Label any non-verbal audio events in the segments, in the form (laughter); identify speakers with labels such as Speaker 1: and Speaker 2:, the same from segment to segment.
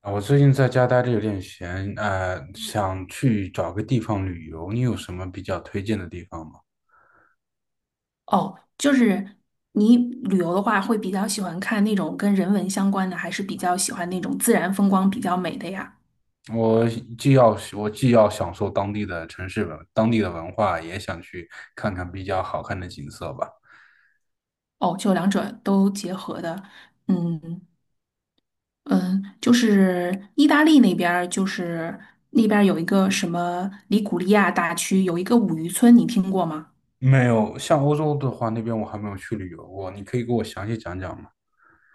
Speaker 1: 啊，我最近在家待着有点闲，想去找个地方旅游，你有什么比较推荐的地方吗？
Speaker 2: 哦，就是你旅游的话，会比较喜欢看那种跟人文相关的，还是比较喜欢那种自然风光比较美的呀？
Speaker 1: 我我既要享受当地的城市文，当地的文化，也想去看看比较好看的景色吧。
Speaker 2: 哦，就两者都结合的。嗯嗯，就是意大利那边儿那边儿有一个什么里古利亚大区，有一个五渔村，你听过吗？
Speaker 1: 没有，像欧洲的话，那边我还没有去旅游过，你可以给我详细讲讲吗？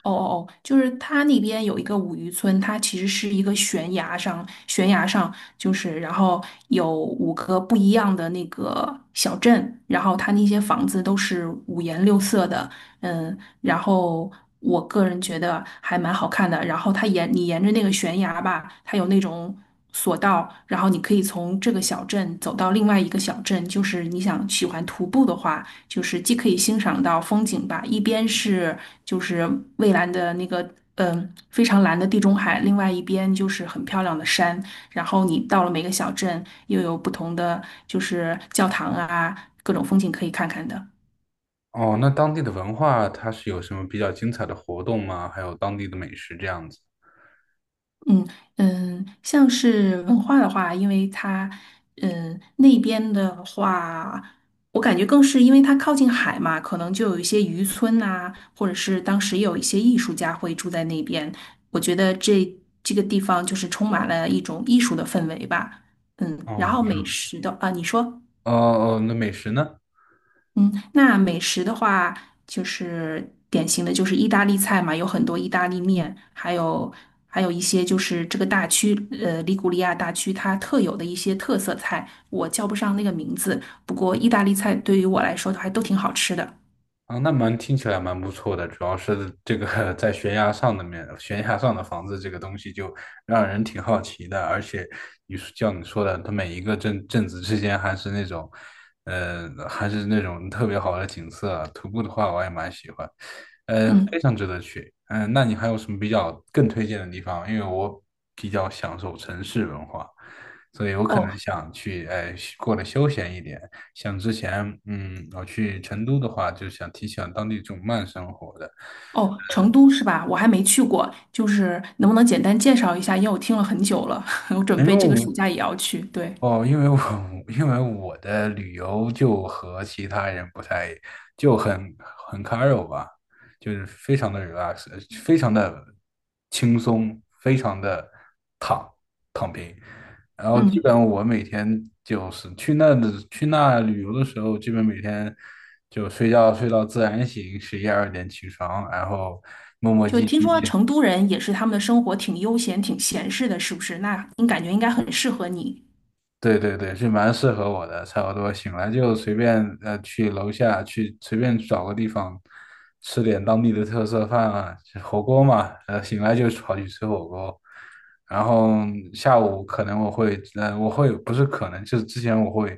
Speaker 2: 哦哦哦，就是它那边有一个五渔村，它其实是一个悬崖上，就是然后有五个不一样的那个小镇，然后它那些房子都是五颜六色的，嗯，然后我个人觉得还蛮好看的。然后它沿你沿着那个悬崖吧，它有那种索道，然后你可以从这个小镇走到另外一个小镇，就是你想喜欢徒步的话。就是既可以欣赏到风景吧，一边是就是蔚蓝的那个。嗯，非常蓝的地中海，另外一边就是很漂亮的山，然后你到了每个小镇，又有不同的就是教堂啊，各种风景可以看看的。
Speaker 1: 哦，那当地的文化它是有什么比较精彩的活动吗？还有当地的美食这样子。
Speaker 2: 嗯嗯，像是文化的话，因为它那边的话，我感觉更是因为它靠近海嘛，可能就有一些渔村呐、或者是当时有一些艺术家会住在那边。我觉得这个地方就是充满了一种艺术的氛围吧。嗯，然
Speaker 1: 哦，
Speaker 2: 后美食的啊，你说。
Speaker 1: 那美食呢？
Speaker 2: 嗯，那美食的话，就是典型的就是意大利菜嘛，有很多意大利面，还有一些就是这个大区，利古里亚大区它特有的一些特色菜，我叫不上那个名字。不过意大利菜对于我来说都还都挺好吃的。
Speaker 1: 啊，那蛮听起来蛮不错的，主要是这个 (laughs) 在悬崖上的面，悬崖上的房子这个东西就让人挺好奇的，而且你说像你说的，它每一个镇子之间还是那种，还是那种特别好的景色，徒步的话我也蛮喜欢。非
Speaker 2: 嗯，
Speaker 1: 常值得去。嗯、那你还有什么比较更推荐的地方？因为我比较享受城市文化，所以我可能
Speaker 2: 哦
Speaker 1: 想去，哎，过得休闲一点。像之前，嗯，我去成都的话，就想挺喜当地这种慢生活的。
Speaker 2: 哦，成都是吧？我还没去过，就是能不能简单介绍一下？因为我听了很久了，(laughs) 我准
Speaker 1: 因
Speaker 2: 备
Speaker 1: 为
Speaker 2: 这个
Speaker 1: 我
Speaker 2: 暑假也要去。对，
Speaker 1: 哦，因为我 (laughs) 因为我的旅游就和其他人不太就很很 c a r u 吧，就是非常的 relax,非常的轻松，非常的躺躺平。然后基
Speaker 2: 嗯。
Speaker 1: 本我每天就是去那旅游的时候，基本每天就睡觉睡到自然醒，十一二点起床，然后磨磨
Speaker 2: 就
Speaker 1: 唧
Speaker 2: 听说
Speaker 1: 唧，
Speaker 2: 成都人也是他们的生活挺悠闲、挺闲适的，是不是？那你感觉应该很适合你。
Speaker 1: 对对对，是蛮适合我的，差不多醒来就随便去楼下去随便找个地方吃点当地的特色饭啊，就火锅嘛，醒来就跑去吃火锅，然后下午可能我会呃我会不是可能就是之前我会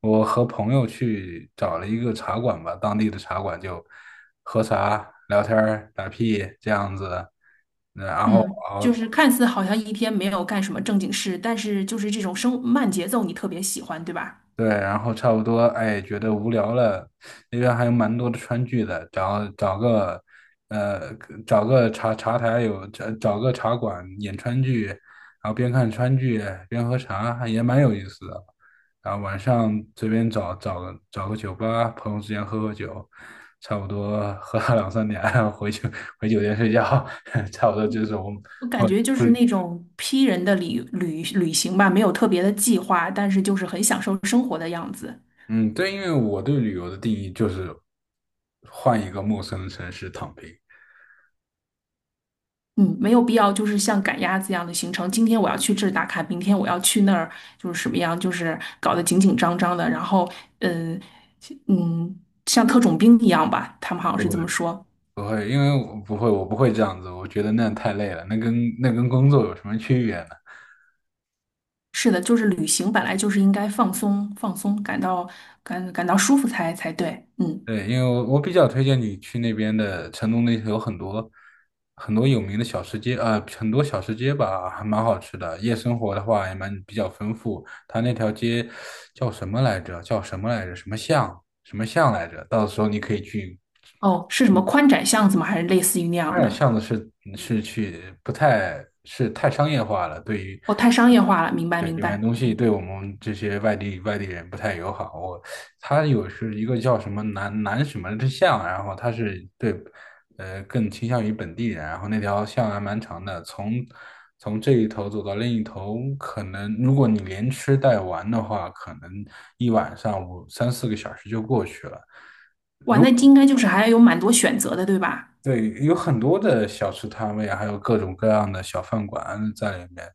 Speaker 1: 我和朋友去找了一个茶馆吧，当地的茶馆就喝茶聊天儿打屁这样子，然后
Speaker 2: 嗯。
Speaker 1: 熬。
Speaker 2: 就是看似好像一天没有干什么正经事，但是就是这种生慢节奏你特别喜欢，对吧？
Speaker 1: 对，然后差不多，哎，觉得无聊了，那边还有蛮多的川剧的，呃，找个茶茶台有找找个茶馆演川剧，然后边看川剧边喝茶，还也蛮有意思的。然后晚上随便找个酒吧，朋友之间喝喝酒，差不多喝到两三点，然后回酒店睡觉，(laughs) 差不多就是我们
Speaker 2: 我感
Speaker 1: 我
Speaker 2: 觉就
Speaker 1: 出
Speaker 2: 是那种 P 人的旅行吧，没有特别的计划，但是就是很享受生活的样子。
Speaker 1: 嗯，对，因为我对旅游的定义就是换一个陌生的城市躺平，
Speaker 2: 嗯，没有必要，就是像赶鸭子一样的行程。今天我要去这儿打卡，明天我要去那儿，就是什么样，就是搞得紧紧张张的。然后，嗯，嗯，像特种兵一样吧，他们好像
Speaker 1: 不
Speaker 2: 是这
Speaker 1: 会
Speaker 2: 么说。
Speaker 1: 不会，因为我不会这样子，我觉得那样太累了，那跟工作有什么区别呢？
Speaker 2: 是的，就是旅行本来就是应该放松放松，感到舒服才对。嗯，
Speaker 1: 对，因为我比较推荐你去那边的成都，那头有很多很多有名的小吃街，很多小吃街吧，还蛮好吃的。夜生活的话也蛮比较丰富，它那条街叫什么来着？什么巷来着？到时候你可以去
Speaker 2: 哦，是什么宽窄巷子吗？还是类似于那样
Speaker 1: 发
Speaker 2: 的？
Speaker 1: 巷子是是去不太是太商业化了，对于
Speaker 2: 哦，太商业化了，明白
Speaker 1: 对
Speaker 2: 明
Speaker 1: 里面
Speaker 2: 白。
Speaker 1: 东西
Speaker 2: 嗯，
Speaker 1: 对我们这些外地人不太友好。我它有是一个叫什么南什么之巷，然后他是更倾向于本地人，然后那条巷还蛮长的，从从这一头走到另一头，可能如果你连吃带玩的话，可能一晚上三四个小时就过去了。
Speaker 2: 哇，那应该就是还有蛮多选择的，对吧？
Speaker 1: 对，有很多的小吃摊位啊，还有各种各样的小饭馆在里面，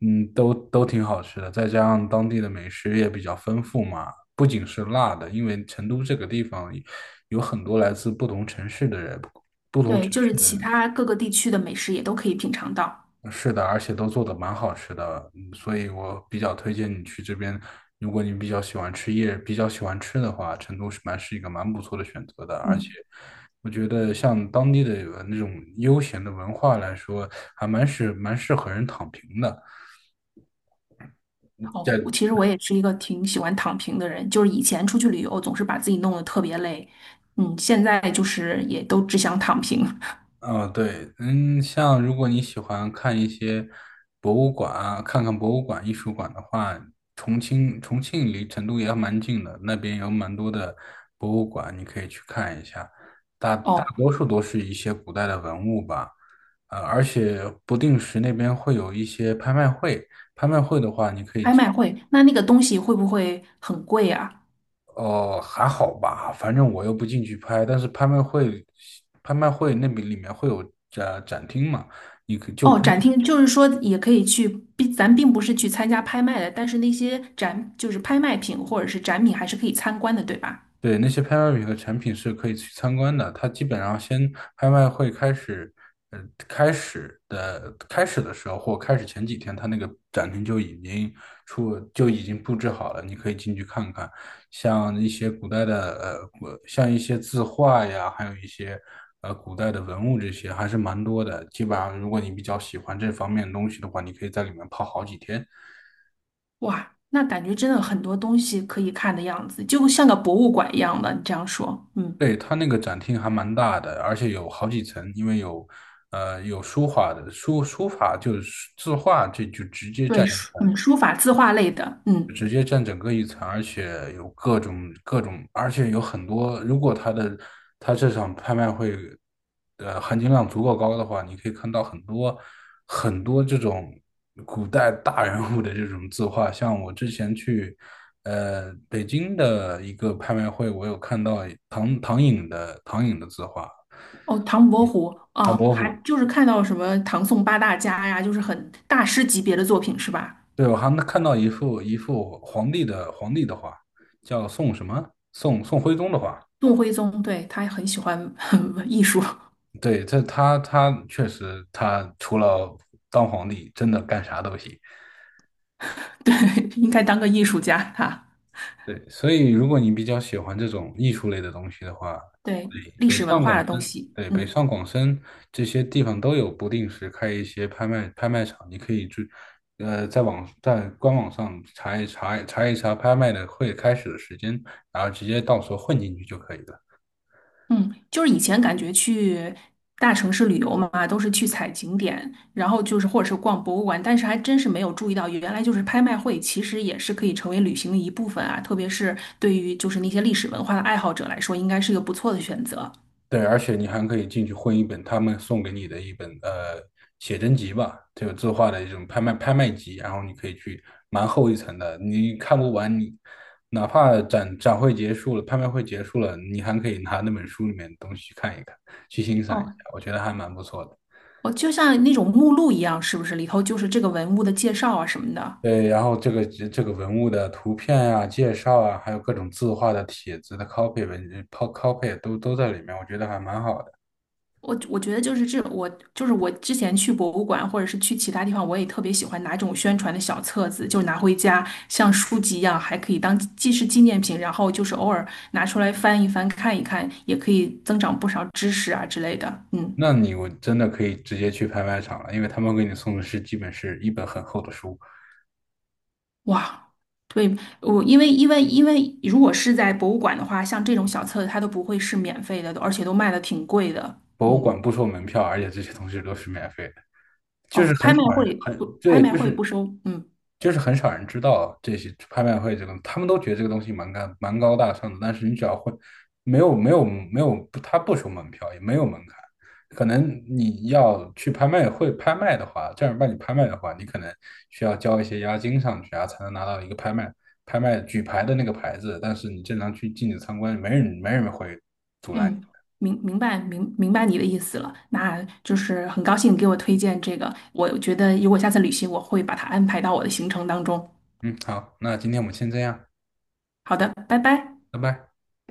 Speaker 1: 嗯，都挺好吃的。再加上当地的美食也比较丰富嘛，不仅是辣的，因为成都这个地方有很多来自不同城市的人，不同
Speaker 2: 对，
Speaker 1: 城
Speaker 2: 就是
Speaker 1: 市的
Speaker 2: 其
Speaker 1: 人。
Speaker 2: 他各个地区的美食也都可以品尝到。
Speaker 1: 是的，而且都做的蛮好吃的，嗯所以我比较推荐你去这边。如果你比较喜欢吃夜，比较喜欢吃的话，成都是一个蛮不错的选择的。而且，
Speaker 2: 嗯。
Speaker 1: 我觉得像当地的那种悠闲的文化来说，还蛮适合人躺平的。
Speaker 2: 哦，
Speaker 1: 在
Speaker 2: 我其实也是一个挺喜欢躺平的人，就是以前出去旅游总是把自己弄得特别累，嗯，现在就是也都只想躺平。
Speaker 1: 哦，对，嗯，像如果你喜欢看一些博物馆啊，看看博物馆、艺术馆的话，重庆离成都也蛮近的，那边有蛮多的博物馆，你可以去看一下。大
Speaker 2: (laughs)
Speaker 1: 大
Speaker 2: 哦，
Speaker 1: 多数都是一些古代的文物吧，而且不定时那边会有一些拍卖会，拍卖会的话，你可以
Speaker 2: 拍
Speaker 1: 去
Speaker 2: 卖会，那那个东西会不会很贵啊？
Speaker 1: 哦，还好吧，反正我又不进去拍，但是拍卖会，拍卖会那边里面会有展厅嘛。你可就
Speaker 2: 哦，
Speaker 1: 跟
Speaker 2: 展厅就是说也可以去，并不是去参加拍卖的，但是那些展就是拍卖品或者是展品还是可以参观的，对吧？
Speaker 1: 对，那些拍卖品和产品是可以去参观的。它基本上先拍卖会开始，呃，开始的时候或开始前几天，它那个展厅就已经出就已经布置好了，你可以进去看看。像一些古代的像一些字画呀，还有一些古代的文物这些，还是蛮多的。基本上，如果你比较喜欢这方面的东西的话，你可以在里面泡好几天。
Speaker 2: 哇，那感觉真的很多东西可以看的样子，就像个博物馆一样的。你这样说，嗯，
Speaker 1: 对，它那个展厅还蛮大的，而且有好几层，因为有，有书法就是字画，这就直接
Speaker 2: 对，
Speaker 1: 占。
Speaker 2: 书嗯，书法、字画类的，嗯。
Speaker 1: 直接占整个一层，而且有各种各种，而且有很多。如果他的他这场拍卖会，的含金量足够高的话，你可以看到很多很多这种古代大人物的这种字画。像我之前去北京的一个拍卖会，我有看到唐寅的唐寅的字画，
Speaker 2: 哦，唐伯虎。
Speaker 1: 唐
Speaker 2: 哦，
Speaker 1: 伯
Speaker 2: 还
Speaker 1: 虎。
Speaker 2: 就是看到什么唐宋八大家呀，就是很大师级别的作品是吧？
Speaker 1: 对，我还能看到一幅皇帝的皇帝的画，叫宋什么？宋徽宗的画。
Speaker 2: 宋徽宗，对，他很喜欢 (laughs) 艺术，
Speaker 1: 对，他他确实，他除了当皇帝，真的干啥都行。
Speaker 2: 对，(laughs) 应该当个艺术家哈。
Speaker 1: 对，所以如果你比较喜欢这种艺术类的东西的话，
Speaker 2: 对，历
Speaker 1: 北
Speaker 2: 史文
Speaker 1: 上
Speaker 2: 化
Speaker 1: 广
Speaker 2: 的东
Speaker 1: 深，
Speaker 2: 西，
Speaker 1: 对，北
Speaker 2: 嗯，
Speaker 1: 上广深这些地方都有不定时开一些拍卖场，你可以去，在官网上查一查拍卖的会开始的时间，然后直接到时候混进去就可以了。
Speaker 2: 嗯，就是以前感觉去大城市旅游嘛，都是去踩景点，然后就是或者是逛博物馆，但是还真是没有注意到，原来就是拍卖会其实也是可以成为旅行的一部分啊，特别是对于就是那些历史文化的爱好者来说，应该是一个不错的选择。
Speaker 1: 对，而且你还可以进去混一本他们送给你的一本写真集吧，这个字画的一种拍卖集，然后你可以去蛮厚一层的，你看不完你，哪怕展会结束了，拍卖会结束了，你还可以拿那本书里面的东西去看一看，去欣赏一下，
Speaker 2: 哦，
Speaker 1: 我觉得还蛮不错的。
Speaker 2: 我就像那种目录一样，是不是里头就是这个文物的介绍啊什么的？
Speaker 1: 对，然后这个文物的图片啊、介绍啊，还有各种字画的帖子的 copy 文 copy 都在里面，我觉得还蛮好的。
Speaker 2: 我觉得就是这，我就是我之前去博物馆或者是去其他地方，我也特别喜欢拿这种宣传的小册子，就拿回家像书籍一样，还可以当既是纪念品，然后就是偶尔拿出来翻一翻看一看，也可以增长不少知识啊之类的。嗯，
Speaker 1: 那你我真的可以直接去拍卖场了，因为他们给你送的是基本是一本很厚的书，
Speaker 2: 哇。对，我因为如果是在博物馆的话，像这种小册子它都不会是免费的，而且都卖的挺贵的。
Speaker 1: 博物
Speaker 2: 嗯。
Speaker 1: 馆不收门票，而且这些东西都是免费的，就是
Speaker 2: 哦，拍
Speaker 1: 很
Speaker 2: 卖
Speaker 1: 少人
Speaker 2: 会
Speaker 1: 很
Speaker 2: 不拍
Speaker 1: 对，
Speaker 2: 卖会不收，嗯，
Speaker 1: 就是很少人知道这些拍卖会这个，他们都觉得这个东西蛮高大上的，但是你只要会，没有，他不收门票，也没有门槛。可能你要去拍卖会拍卖的话，正儿八经拍卖的话，你可能需要交一些押金上去啊，才能拿到一个拍卖举牌的那个牌子。但是你正常去进去参观，没人会阻拦
Speaker 2: 嗯，
Speaker 1: 你。
Speaker 2: 明白你的意思了，那就是很高兴你给我推荐这个，我觉得如果下次旅行我会把它安排到我的行程当中。
Speaker 1: 嗯，好，那今天我们先这样，
Speaker 2: 好的，拜拜。
Speaker 1: 拜拜。